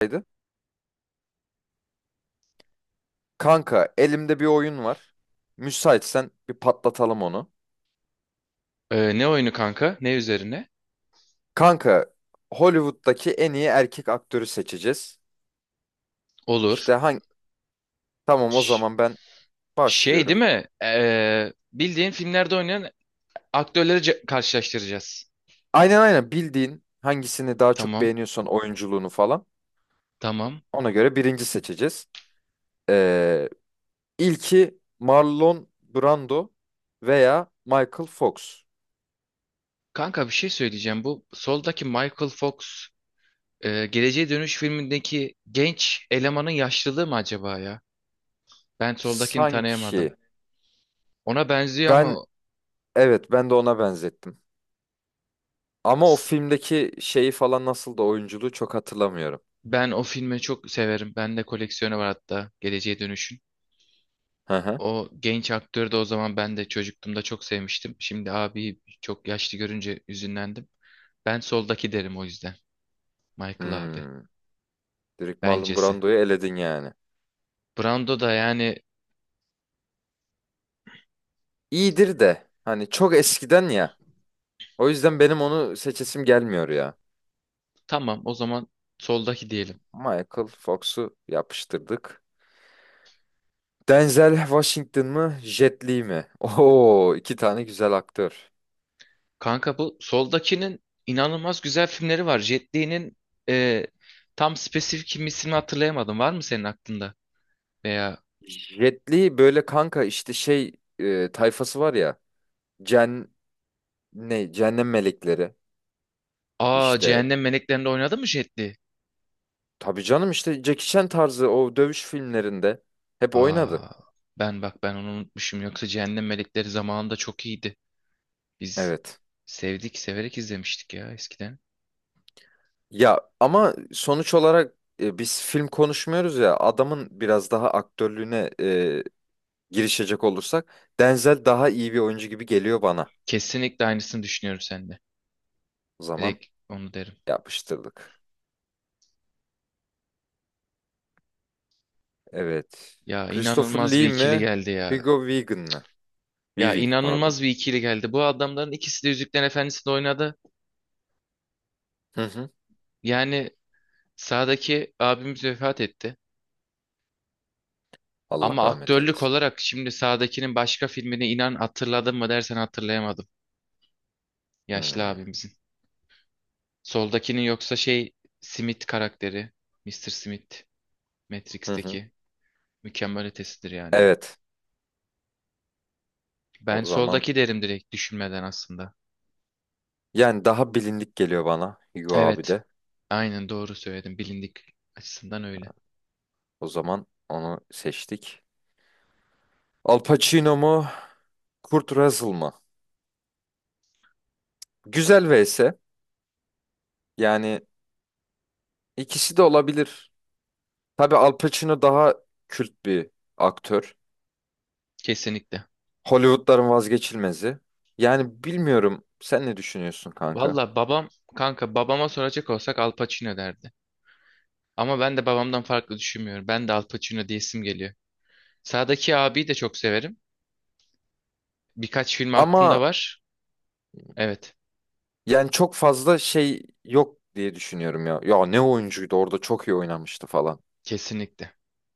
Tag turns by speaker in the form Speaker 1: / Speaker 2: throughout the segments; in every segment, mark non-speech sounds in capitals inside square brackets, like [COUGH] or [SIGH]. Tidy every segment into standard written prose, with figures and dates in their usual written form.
Speaker 1: Haydi. Kanka elimde bir oyun var. Müsaitsen bir patlatalım onu.
Speaker 2: Ne oyunu kanka? Ne üzerine?
Speaker 1: Kanka Hollywood'daki en iyi erkek aktörü seçeceğiz. İşte
Speaker 2: Olur.
Speaker 1: hangi... Tamam o
Speaker 2: Ş-
Speaker 1: zaman ben
Speaker 2: Şey değil
Speaker 1: başlıyorum.
Speaker 2: mi? Bildiğin filmlerde oynayan aktörleri karşılaştıracağız.
Speaker 1: Aynen aynen bildiğin hangisini daha çok
Speaker 2: Tamam.
Speaker 1: beğeniyorsan oyunculuğunu falan.
Speaker 2: Tamam.
Speaker 1: Ona göre birinci seçeceğiz. Ee, ilki Marlon Brando veya Michael Fox.
Speaker 2: Kanka bir şey söyleyeceğim. Bu soldaki Michael Fox Geleceğe Dönüş filmindeki genç elemanın yaşlılığı mı acaba ya? Ben soldakini tanıyamadım.
Speaker 1: Sanki
Speaker 2: Ona benziyor
Speaker 1: ben
Speaker 2: ama
Speaker 1: evet ben de ona benzettim. Ama o
Speaker 2: s-
Speaker 1: filmdeki şeyi falan nasıl da oyunculuğu çok hatırlamıyorum.
Speaker 2: ben o filmi çok severim. Bende koleksiyonu var hatta Geleceğe Dönüş'ün.
Speaker 1: Hı hı.
Speaker 2: O genç aktörü de o zaman ben de çocukluğumda çok sevmiştim. Şimdi abi çok yaşlı görünce üzünlendim. Ben soldaki derim o yüzden. Michael abi.
Speaker 1: Hmm. Direkt Marlon
Speaker 2: Bencesi.
Speaker 1: Brando'yu eledin yani.
Speaker 2: Brando da yani
Speaker 1: İyidir de hani çok eskiden ya. O yüzden benim onu seçesim gelmiyor ya.
Speaker 2: tamam o zaman soldaki diyelim.
Speaker 1: Michael Fox'u yapıştırdık. Denzel Washington mı, Jet Li mi? [LAUGHS] Oo, iki tane güzel aktör.
Speaker 2: Kanka bu soldakinin inanılmaz güzel filmleri var. Jet Li'nin e, tam spesifik kim ismini hatırlayamadım. Var mı senin aklında? Veya
Speaker 1: Jet Li böyle kanka işte tayfası var ya. Cen ne? Cehennem melekleri.
Speaker 2: aa
Speaker 1: İşte
Speaker 2: Cehennem Meleklerinde oynadı mı Jet Li?
Speaker 1: tabii canım işte Jackie Chan tarzı o dövüş filmlerinde hep oynadı.
Speaker 2: Aa ben bak ben onu unutmuşum. Yoksa Cehennem Melekleri zamanında çok iyiydi. Biz
Speaker 1: Evet.
Speaker 2: sevdik, severek izlemiştik ya eskiden.
Speaker 1: Ya ama sonuç olarak biz film konuşmuyoruz ya adamın biraz daha aktörlüğüne girişecek olursak Denzel daha iyi bir oyuncu gibi geliyor bana.
Speaker 2: Kesinlikle aynısını düşünüyorum sende.
Speaker 1: O zaman
Speaker 2: Direkt onu derim.
Speaker 1: yapıştırdık. Evet.
Speaker 2: Ya
Speaker 1: Christopher
Speaker 2: inanılmaz bir
Speaker 1: Lee
Speaker 2: ikili
Speaker 1: mi?
Speaker 2: geldi ya.
Speaker 1: Hugo Weaving mi?
Speaker 2: Ya
Speaker 1: Weaving pardon.
Speaker 2: inanılmaz bir ikili geldi. Bu adamların ikisi de Yüzüklerin Efendisi'nde oynadı.
Speaker 1: Hı hı.
Speaker 2: Yani sağdaki abimiz vefat etti.
Speaker 1: Allah
Speaker 2: Ama
Speaker 1: rahmet
Speaker 2: aktörlük
Speaker 1: eylesin.
Speaker 2: olarak şimdi sağdakinin başka filmini inan hatırladın mı dersen hatırlayamadım. Yaşlı
Speaker 1: Hmm.
Speaker 2: abimizin. Soldakinin yoksa şey Smith karakteri. Mister Smith.
Speaker 1: Hı hı.
Speaker 2: Matrix'teki mükemmel ötesidir yani.
Speaker 1: Evet.
Speaker 2: Ben
Speaker 1: O zaman
Speaker 2: soldaki derim direkt düşünmeden aslında.
Speaker 1: yani daha bilindik geliyor bana Hugo abi
Speaker 2: Evet.
Speaker 1: de.
Speaker 2: Aynen doğru söyledim. Bilindik açısından öyle.
Speaker 1: O zaman onu seçtik. Al Pacino mu? Kurt Russell mı? Güzel vs. Yani ikisi de olabilir. Tabii Al Pacino daha kült bir aktör.
Speaker 2: Kesinlikle.
Speaker 1: Hollywood'ların vazgeçilmezi. Yani bilmiyorum sen ne düşünüyorsun kanka?
Speaker 2: Valla babam kanka babama soracak olsak Al Pacino derdi. Ama ben de babamdan farklı düşünmüyorum. Ben de Al Pacino diyesim geliyor. Sağdaki abiyi de çok severim. Birkaç film aklımda
Speaker 1: Ama
Speaker 2: var. Evet.
Speaker 1: yani çok fazla şey yok diye düşünüyorum ya. Ya ne oyuncuydu orada çok iyi oynamıştı falan.
Speaker 2: Kesinlikle.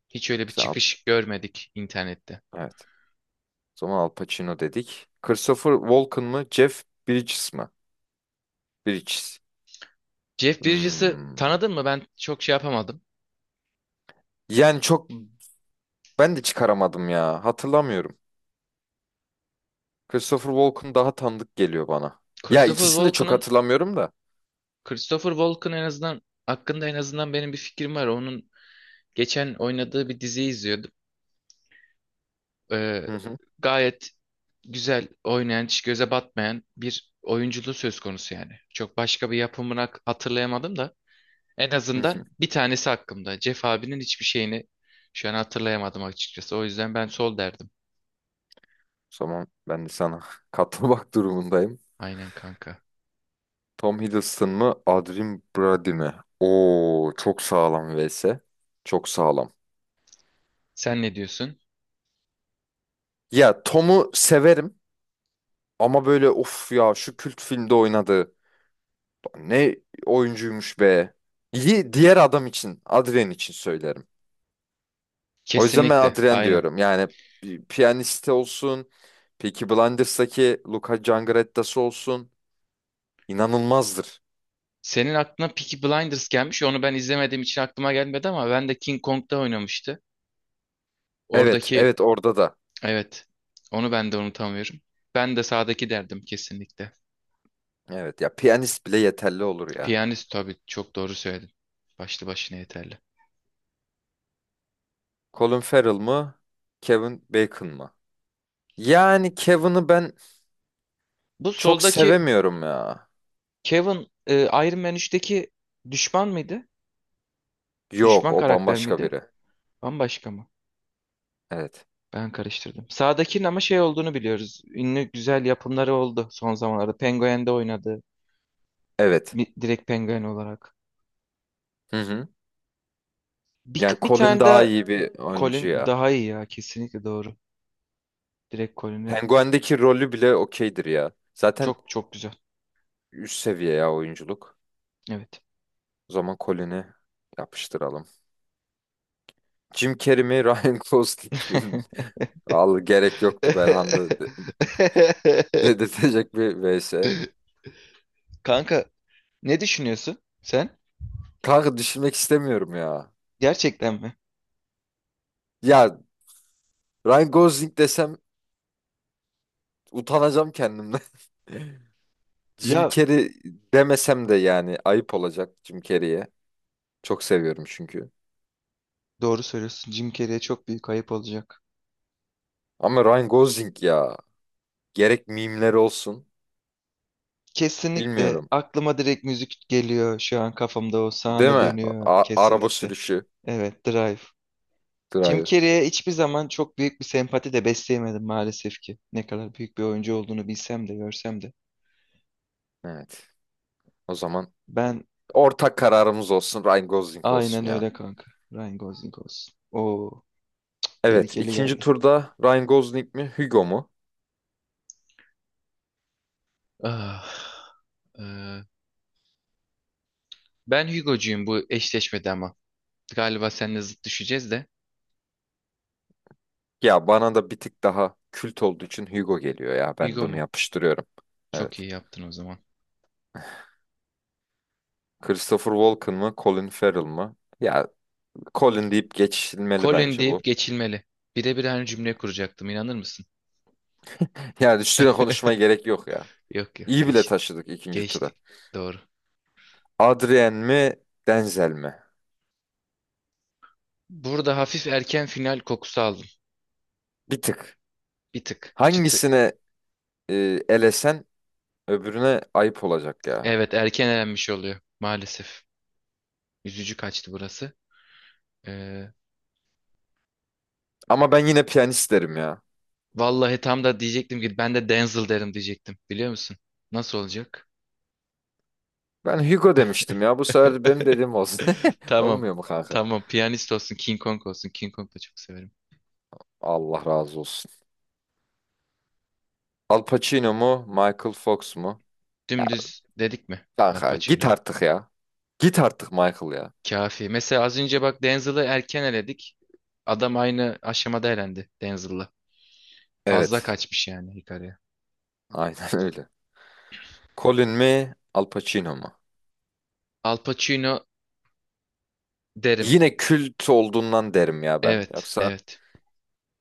Speaker 2: Hiç öyle bir
Speaker 1: Sen Al-
Speaker 2: çıkış görmedik internette.
Speaker 1: evet. O zaman Al Pacino dedik. Christopher Walken mı? Jeff Bridges mi? Bridges.
Speaker 2: Jeff Bridges'ı
Speaker 1: Hmm.
Speaker 2: tanıdın mı? Ben çok şey yapamadım.
Speaker 1: Yani ben de çıkaramadım ya. Hatırlamıyorum. Christopher Walken daha tanıdık geliyor bana. Ya
Speaker 2: Christopher
Speaker 1: ikisini de çok
Speaker 2: Walken'ın
Speaker 1: hatırlamıyorum da.
Speaker 2: Christopher Walken en azından hakkında en azından benim bir fikrim var. Onun geçen oynadığı bir diziyi izliyordum. Ee,
Speaker 1: Hı hı.
Speaker 2: Gayet güzel oynayan, hiç göze batmayan bir oyunculuğu söz konusu yani. Çok başka bir yapımını hatırlayamadım da en
Speaker 1: Hı
Speaker 2: azından
Speaker 1: hı.
Speaker 2: bir tanesi hakkımda. Jeff abinin hiçbir şeyini şu an hatırlayamadım açıkçası. O yüzden ben sol derdim.
Speaker 1: O zaman ben de sana [LAUGHS] katılmak durumundayım.
Speaker 2: Aynen kanka.
Speaker 1: Tom Hiddleston mı, Adrien Brody mi? Oo, çok sağlam vs. Çok sağlam.
Speaker 2: Sen ne diyorsun?
Speaker 1: Ya Tom'u severim ama böyle of ya şu kült filmde oynadı. Ne oyuncuymuş be. Diğer adam için, Adrien için söylerim. O yüzden ben
Speaker 2: Kesinlikle,
Speaker 1: Adrien
Speaker 2: aynen.
Speaker 1: diyorum. Yani bir piyaniste olsun, Peaky Blinders'daki Luca Cangarettası olsun inanılmazdır.
Speaker 2: Senin aklına Peaky Blinders gelmiş. Onu ben izlemediğim için aklıma gelmedi ama ben de King Kong'da oynamıştı.
Speaker 1: Evet,
Speaker 2: Oradaki
Speaker 1: evet orada da.
Speaker 2: evet. Onu ben de unutamıyorum. Ben de sağdaki derdim kesinlikle.
Speaker 1: Evet ya piyanist bile yeterli olur ya.
Speaker 2: Piyanist tabii çok doğru söyledin. Başlı başına yeterli.
Speaker 1: Colin Farrell mı? Kevin Bacon mı? Yani Kevin'i ben
Speaker 2: Bu
Speaker 1: çok
Speaker 2: soldaki
Speaker 1: sevemiyorum ya.
Speaker 2: Kevin Iron Man 3'teki düşman mıydı?
Speaker 1: Yok
Speaker 2: Düşman
Speaker 1: o
Speaker 2: karakter
Speaker 1: bambaşka
Speaker 2: miydi?
Speaker 1: biri.
Speaker 2: Bambaşka mı?
Speaker 1: Evet.
Speaker 2: Ben karıştırdım. Sağdakinin ama şey olduğunu biliyoruz. Ünlü güzel yapımları oldu son zamanlarda. Penguin'de oynadı.
Speaker 1: Evet.
Speaker 2: Direkt Penguin olarak.
Speaker 1: Hı hı.
Speaker 2: Bir,
Speaker 1: Yani
Speaker 2: bir
Speaker 1: Colin
Speaker 2: tane
Speaker 1: daha
Speaker 2: de
Speaker 1: iyi bir oyuncu
Speaker 2: Colin
Speaker 1: ya.
Speaker 2: daha iyi ya. Kesinlikle doğru. Direkt Colin'i
Speaker 1: Penguin'deki rolü bile okeydir ya. Zaten
Speaker 2: çok çok güzel.
Speaker 1: üst seviye ya oyunculuk.
Speaker 2: Evet.
Speaker 1: O zaman Colin'i yapıştıralım. Jim Carrey mi [LAUGHS] Ryan Gosling mi?
Speaker 2: [LAUGHS]
Speaker 1: [LAUGHS] Al gerek yoktu Belhanda de-
Speaker 2: [LAUGHS]
Speaker 1: dedirtecek bir vs.
Speaker 2: Kanka ne düşünüyorsun sen?
Speaker 1: Kanka düşünmek istemiyorum ya.
Speaker 2: Gerçekten mi?
Speaker 1: Ya Ryan Gosling desem utanacağım kendimden. [LAUGHS] Jim
Speaker 2: Ya
Speaker 1: Carrey demesem de yani ayıp olacak Jim Carrey'e. Çok seviyorum çünkü.
Speaker 2: doğru söylüyorsun. Jim Carrey'e çok büyük ayıp olacak.
Speaker 1: Ama Ryan Gosling ya. Gerek mimleri olsun.
Speaker 2: Kesinlikle
Speaker 1: Bilmiyorum.
Speaker 2: aklıma direkt müzik geliyor. Şu an kafamda o
Speaker 1: Değil
Speaker 2: sahne
Speaker 1: mi?
Speaker 2: dönüyor
Speaker 1: Araba
Speaker 2: kesinlikle.
Speaker 1: sürüşü.
Speaker 2: Evet, Drive. Jim
Speaker 1: Drive.
Speaker 2: Carrey'e hiçbir zaman çok büyük bir sempati de besleyemedim maalesef ki. Ne kadar büyük bir oyuncu olduğunu bilsem de görsem de.
Speaker 1: Evet. O zaman
Speaker 2: Ben
Speaker 1: ortak kararımız olsun Ryan Gosling olsun
Speaker 2: aynen
Speaker 1: ya.
Speaker 2: öyle kanka. Ryan Gosling olsun. Oo,
Speaker 1: Evet,
Speaker 2: tehlikeli
Speaker 1: ikinci
Speaker 2: geldi.
Speaker 1: turda Ryan Gosling mi Hugo mu?
Speaker 2: Ah, eee, Ben Hugo'cuyum bu eşleşmede ama. Galiba seninle zıt düşeceğiz de.
Speaker 1: Ya bana da bir tık daha kült olduğu için Hugo geliyor ya, ben
Speaker 2: Hugo
Speaker 1: bunu
Speaker 2: mu?
Speaker 1: yapıştırıyorum.
Speaker 2: Çok
Speaker 1: Evet.
Speaker 2: iyi yaptın o zaman.
Speaker 1: Christopher Walken mı Colin Farrell mı? Ya Colin deyip geçilmeli
Speaker 2: Colin
Speaker 1: bence bu.
Speaker 2: deyip geçilmeli. Birebir aynı cümle kuracaktım inanır mısın?
Speaker 1: Yani üstüne
Speaker 2: [LAUGHS]
Speaker 1: konuşmaya gerek yok ya.
Speaker 2: Yok yok,
Speaker 1: İyi bile
Speaker 2: geçtik.
Speaker 1: taşıdık ikinci tura.
Speaker 2: Geçtik. Doğru.
Speaker 1: Adrien mi Denzel mi?
Speaker 2: Burada hafif erken final kokusu aldım.
Speaker 1: Bir tık.
Speaker 2: Bir tık. Çıtı.
Speaker 1: Hangisine e, elesen öbürüne ayıp olacak ya.
Speaker 2: Evet, erken elenmiş oluyor. Maalesef. Üzücü kaçtı burası. Ee,
Speaker 1: Ama ben yine piyanist derim ya.
Speaker 2: Vallahi tam da diyecektim ki ben de Denzel derim diyecektim. Biliyor musun? Nasıl olacak?
Speaker 1: Ben Hugo demiştim ya. Bu sefer benim dediğim
Speaker 2: [LAUGHS]
Speaker 1: olsun. [LAUGHS]
Speaker 2: Tamam.
Speaker 1: Olmuyor mu kanka?
Speaker 2: Tamam. Piyanist olsun, King Kong olsun. King Kong da çok severim.
Speaker 1: Allah razı olsun. Al Pacino mu? Michael Fox mu? Ya
Speaker 2: Dümdüz dedik mi? Al
Speaker 1: kanka git
Speaker 2: Pacino'yu.
Speaker 1: artık ya. Git artık Michael ya.
Speaker 2: Kafi. Mesela az önce bak Denzel'ı erken eledik. Adam aynı aşamada elendi Denzel'la. Fazla
Speaker 1: Evet.
Speaker 2: kaçmış yani Hikaru'ya.
Speaker 1: [LAUGHS] Aynen öyle. Colin mi? Al Pacino mu?
Speaker 2: Al Pacino derim.
Speaker 1: Yine kült olduğundan derim ya ben.
Speaker 2: Evet,
Speaker 1: Yoksa
Speaker 2: evet.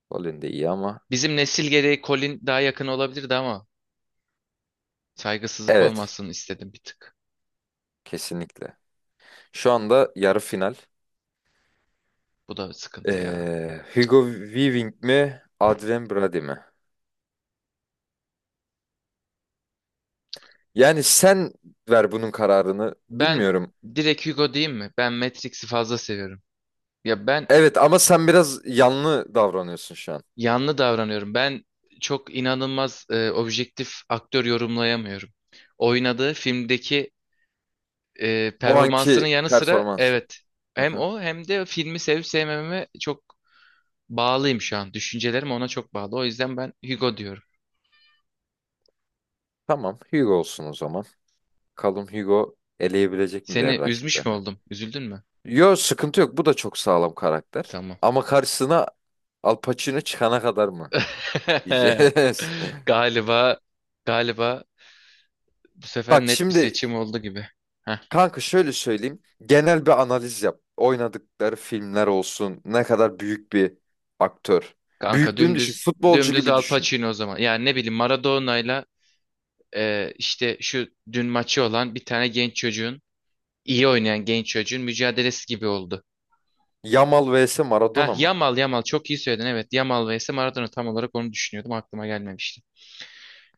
Speaker 1: Colin de iyi ama.
Speaker 2: Bizim nesil gereği Colin daha yakın olabilirdi ama saygısızlık
Speaker 1: Evet.
Speaker 2: olmasın istedim bir tık.
Speaker 1: Kesinlikle. Şu anda yarı final.
Speaker 2: Bu da sıkıntı ya.
Speaker 1: Hugo Weaving mi? Adrien Brody mi? Yani sen ver bunun kararını.
Speaker 2: Ben
Speaker 1: Bilmiyorum.
Speaker 2: direkt Hugo diyeyim mi? Ben Matrix'i fazla seviyorum. Ya ben
Speaker 1: Evet ama sen biraz yanlı davranıyorsun şu an.
Speaker 2: yanlı davranıyorum. Ben çok inanılmaz objektif aktör yorumlayamıyorum. Oynadığı filmdeki
Speaker 1: O
Speaker 2: performansının
Speaker 1: anki
Speaker 2: yanı sıra
Speaker 1: performansı.
Speaker 2: evet,
Speaker 1: Hı
Speaker 2: hem
Speaker 1: hı.
Speaker 2: o hem de filmi sevip sevmememe çok bağlıyım şu an. Düşüncelerim ona çok bağlı. O yüzden ben Hugo diyorum.
Speaker 1: Tamam, Hugo olsun o zaman. Bakalım Hugo eleyebilecek mi diğer
Speaker 2: Seni üzmüş mü
Speaker 1: rakiplerini?
Speaker 2: oldum? Üzüldün mü?
Speaker 1: Yo, sıkıntı yok. Bu da çok sağlam karakter.
Speaker 2: Tamam.
Speaker 1: Ama karşısına Al Pacino çıkana kadar mı
Speaker 2: [LAUGHS]
Speaker 1: diyeceğiz. [LAUGHS]
Speaker 2: Galiba galiba bu sefer
Speaker 1: Bak
Speaker 2: net bir
Speaker 1: şimdi
Speaker 2: seçim oldu gibi. Heh,
Speaker 1: kanka şöyle söyleyeyim. Genel bir analiz yap. Oynadıkları filmler olsun. Ne kadar büyük bir aktör.
Speaker 2: kanka
Speaker 1: Büyüklüğünü düşün.
Speaker 2: dümdüz
Speaker 1: Futbolcu
Speaker 2: dümdüz
Speaker 1: gibi
Speaker 2: Al
Speaker 1: düşün.
Speaker 2: Pacino o zaman. Yani ne bileyim Maradona'yla işte şu dün maçı olan bir tane genç çocuğun, iyi oynayan genç çocuğun mücadelesi gibi oldu.
Speaker 1: Yamal vs
Speaker 2: Ha,
Speaker 1: Maradona mı?
Speaker 2: Yamal, Yamal çok iyi söyledin evet. Yamal vs Maradona tam olarak onu düşünüyordum, aklıma gelmemişti.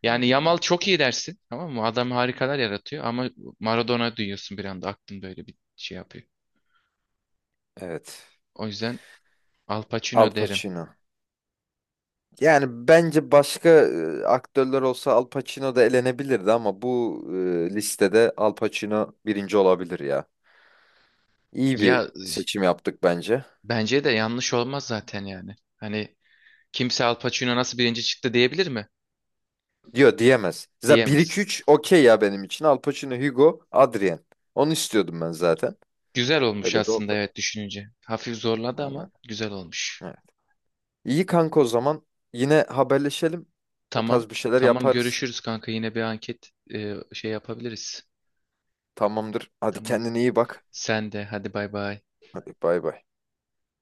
Speaker 2: Yani Yamal
Speaker 1: Hmm.
Speaker 2: çok iyi dersin, tamam mı? Adam harikalar yaratıyor ama Maradona duyuyorsun bir anda aklında öyle bir şey yapıyor.
Speaker 1: Evet.
Speaker 2: O yüzden Al
Speaker 1: Al
Speaker 2: Pacino derim.
Speaker 1: Pacino. Yani bence başka aktörler olsa Al Pacino da elenebilirdi ama bu listede Al Pacino birinci olabilir ya. İyi bir
Speaker 2: Ya z-
Speaker 1: seçim yaptık bence.
Speaker 2: Bence de yanlış olmaz zaten yani. Hani kimse Al Pacino nasıl birinci çıktı diyebilir mi?
Speaker 1: Diyor diyemez. Zaten
Speaker 2: Diyemez.
Speaker 1: 1-2-3 okey ya benim için. Al Pacino, Hugo, Adrien. Onu istiyordum ben zaten.
Speaker 2: Güzel olmuş
Speaker 1: Öyle de
Speaker 2: aslında
Speaker 1: oldu.
Speaker 2: evet düşününce. Hafif zorladı
Speaker 1: Aynen.
Speaker 2: ama güzel olmuş.
Speaker 1: Evet. İyi kanka o zaman. Yine haberleşelim. Bu
Speaker 2: Tamam.
Speaker 1: tarz bir şeyler
Speaker 2: Tamam,
Speaker 1: yaparız.
Speaker 2: görüşürüz kanka. Yine bir anket şey yapabiliriz.
Speaker 1: Tamamdır. Hadi
Speaker 2: Tamam.
Speaker 1: kendine iyi bak.
Speaker 2: Sen de hadi bay bay.
Speaker 1: Hadi bay bay.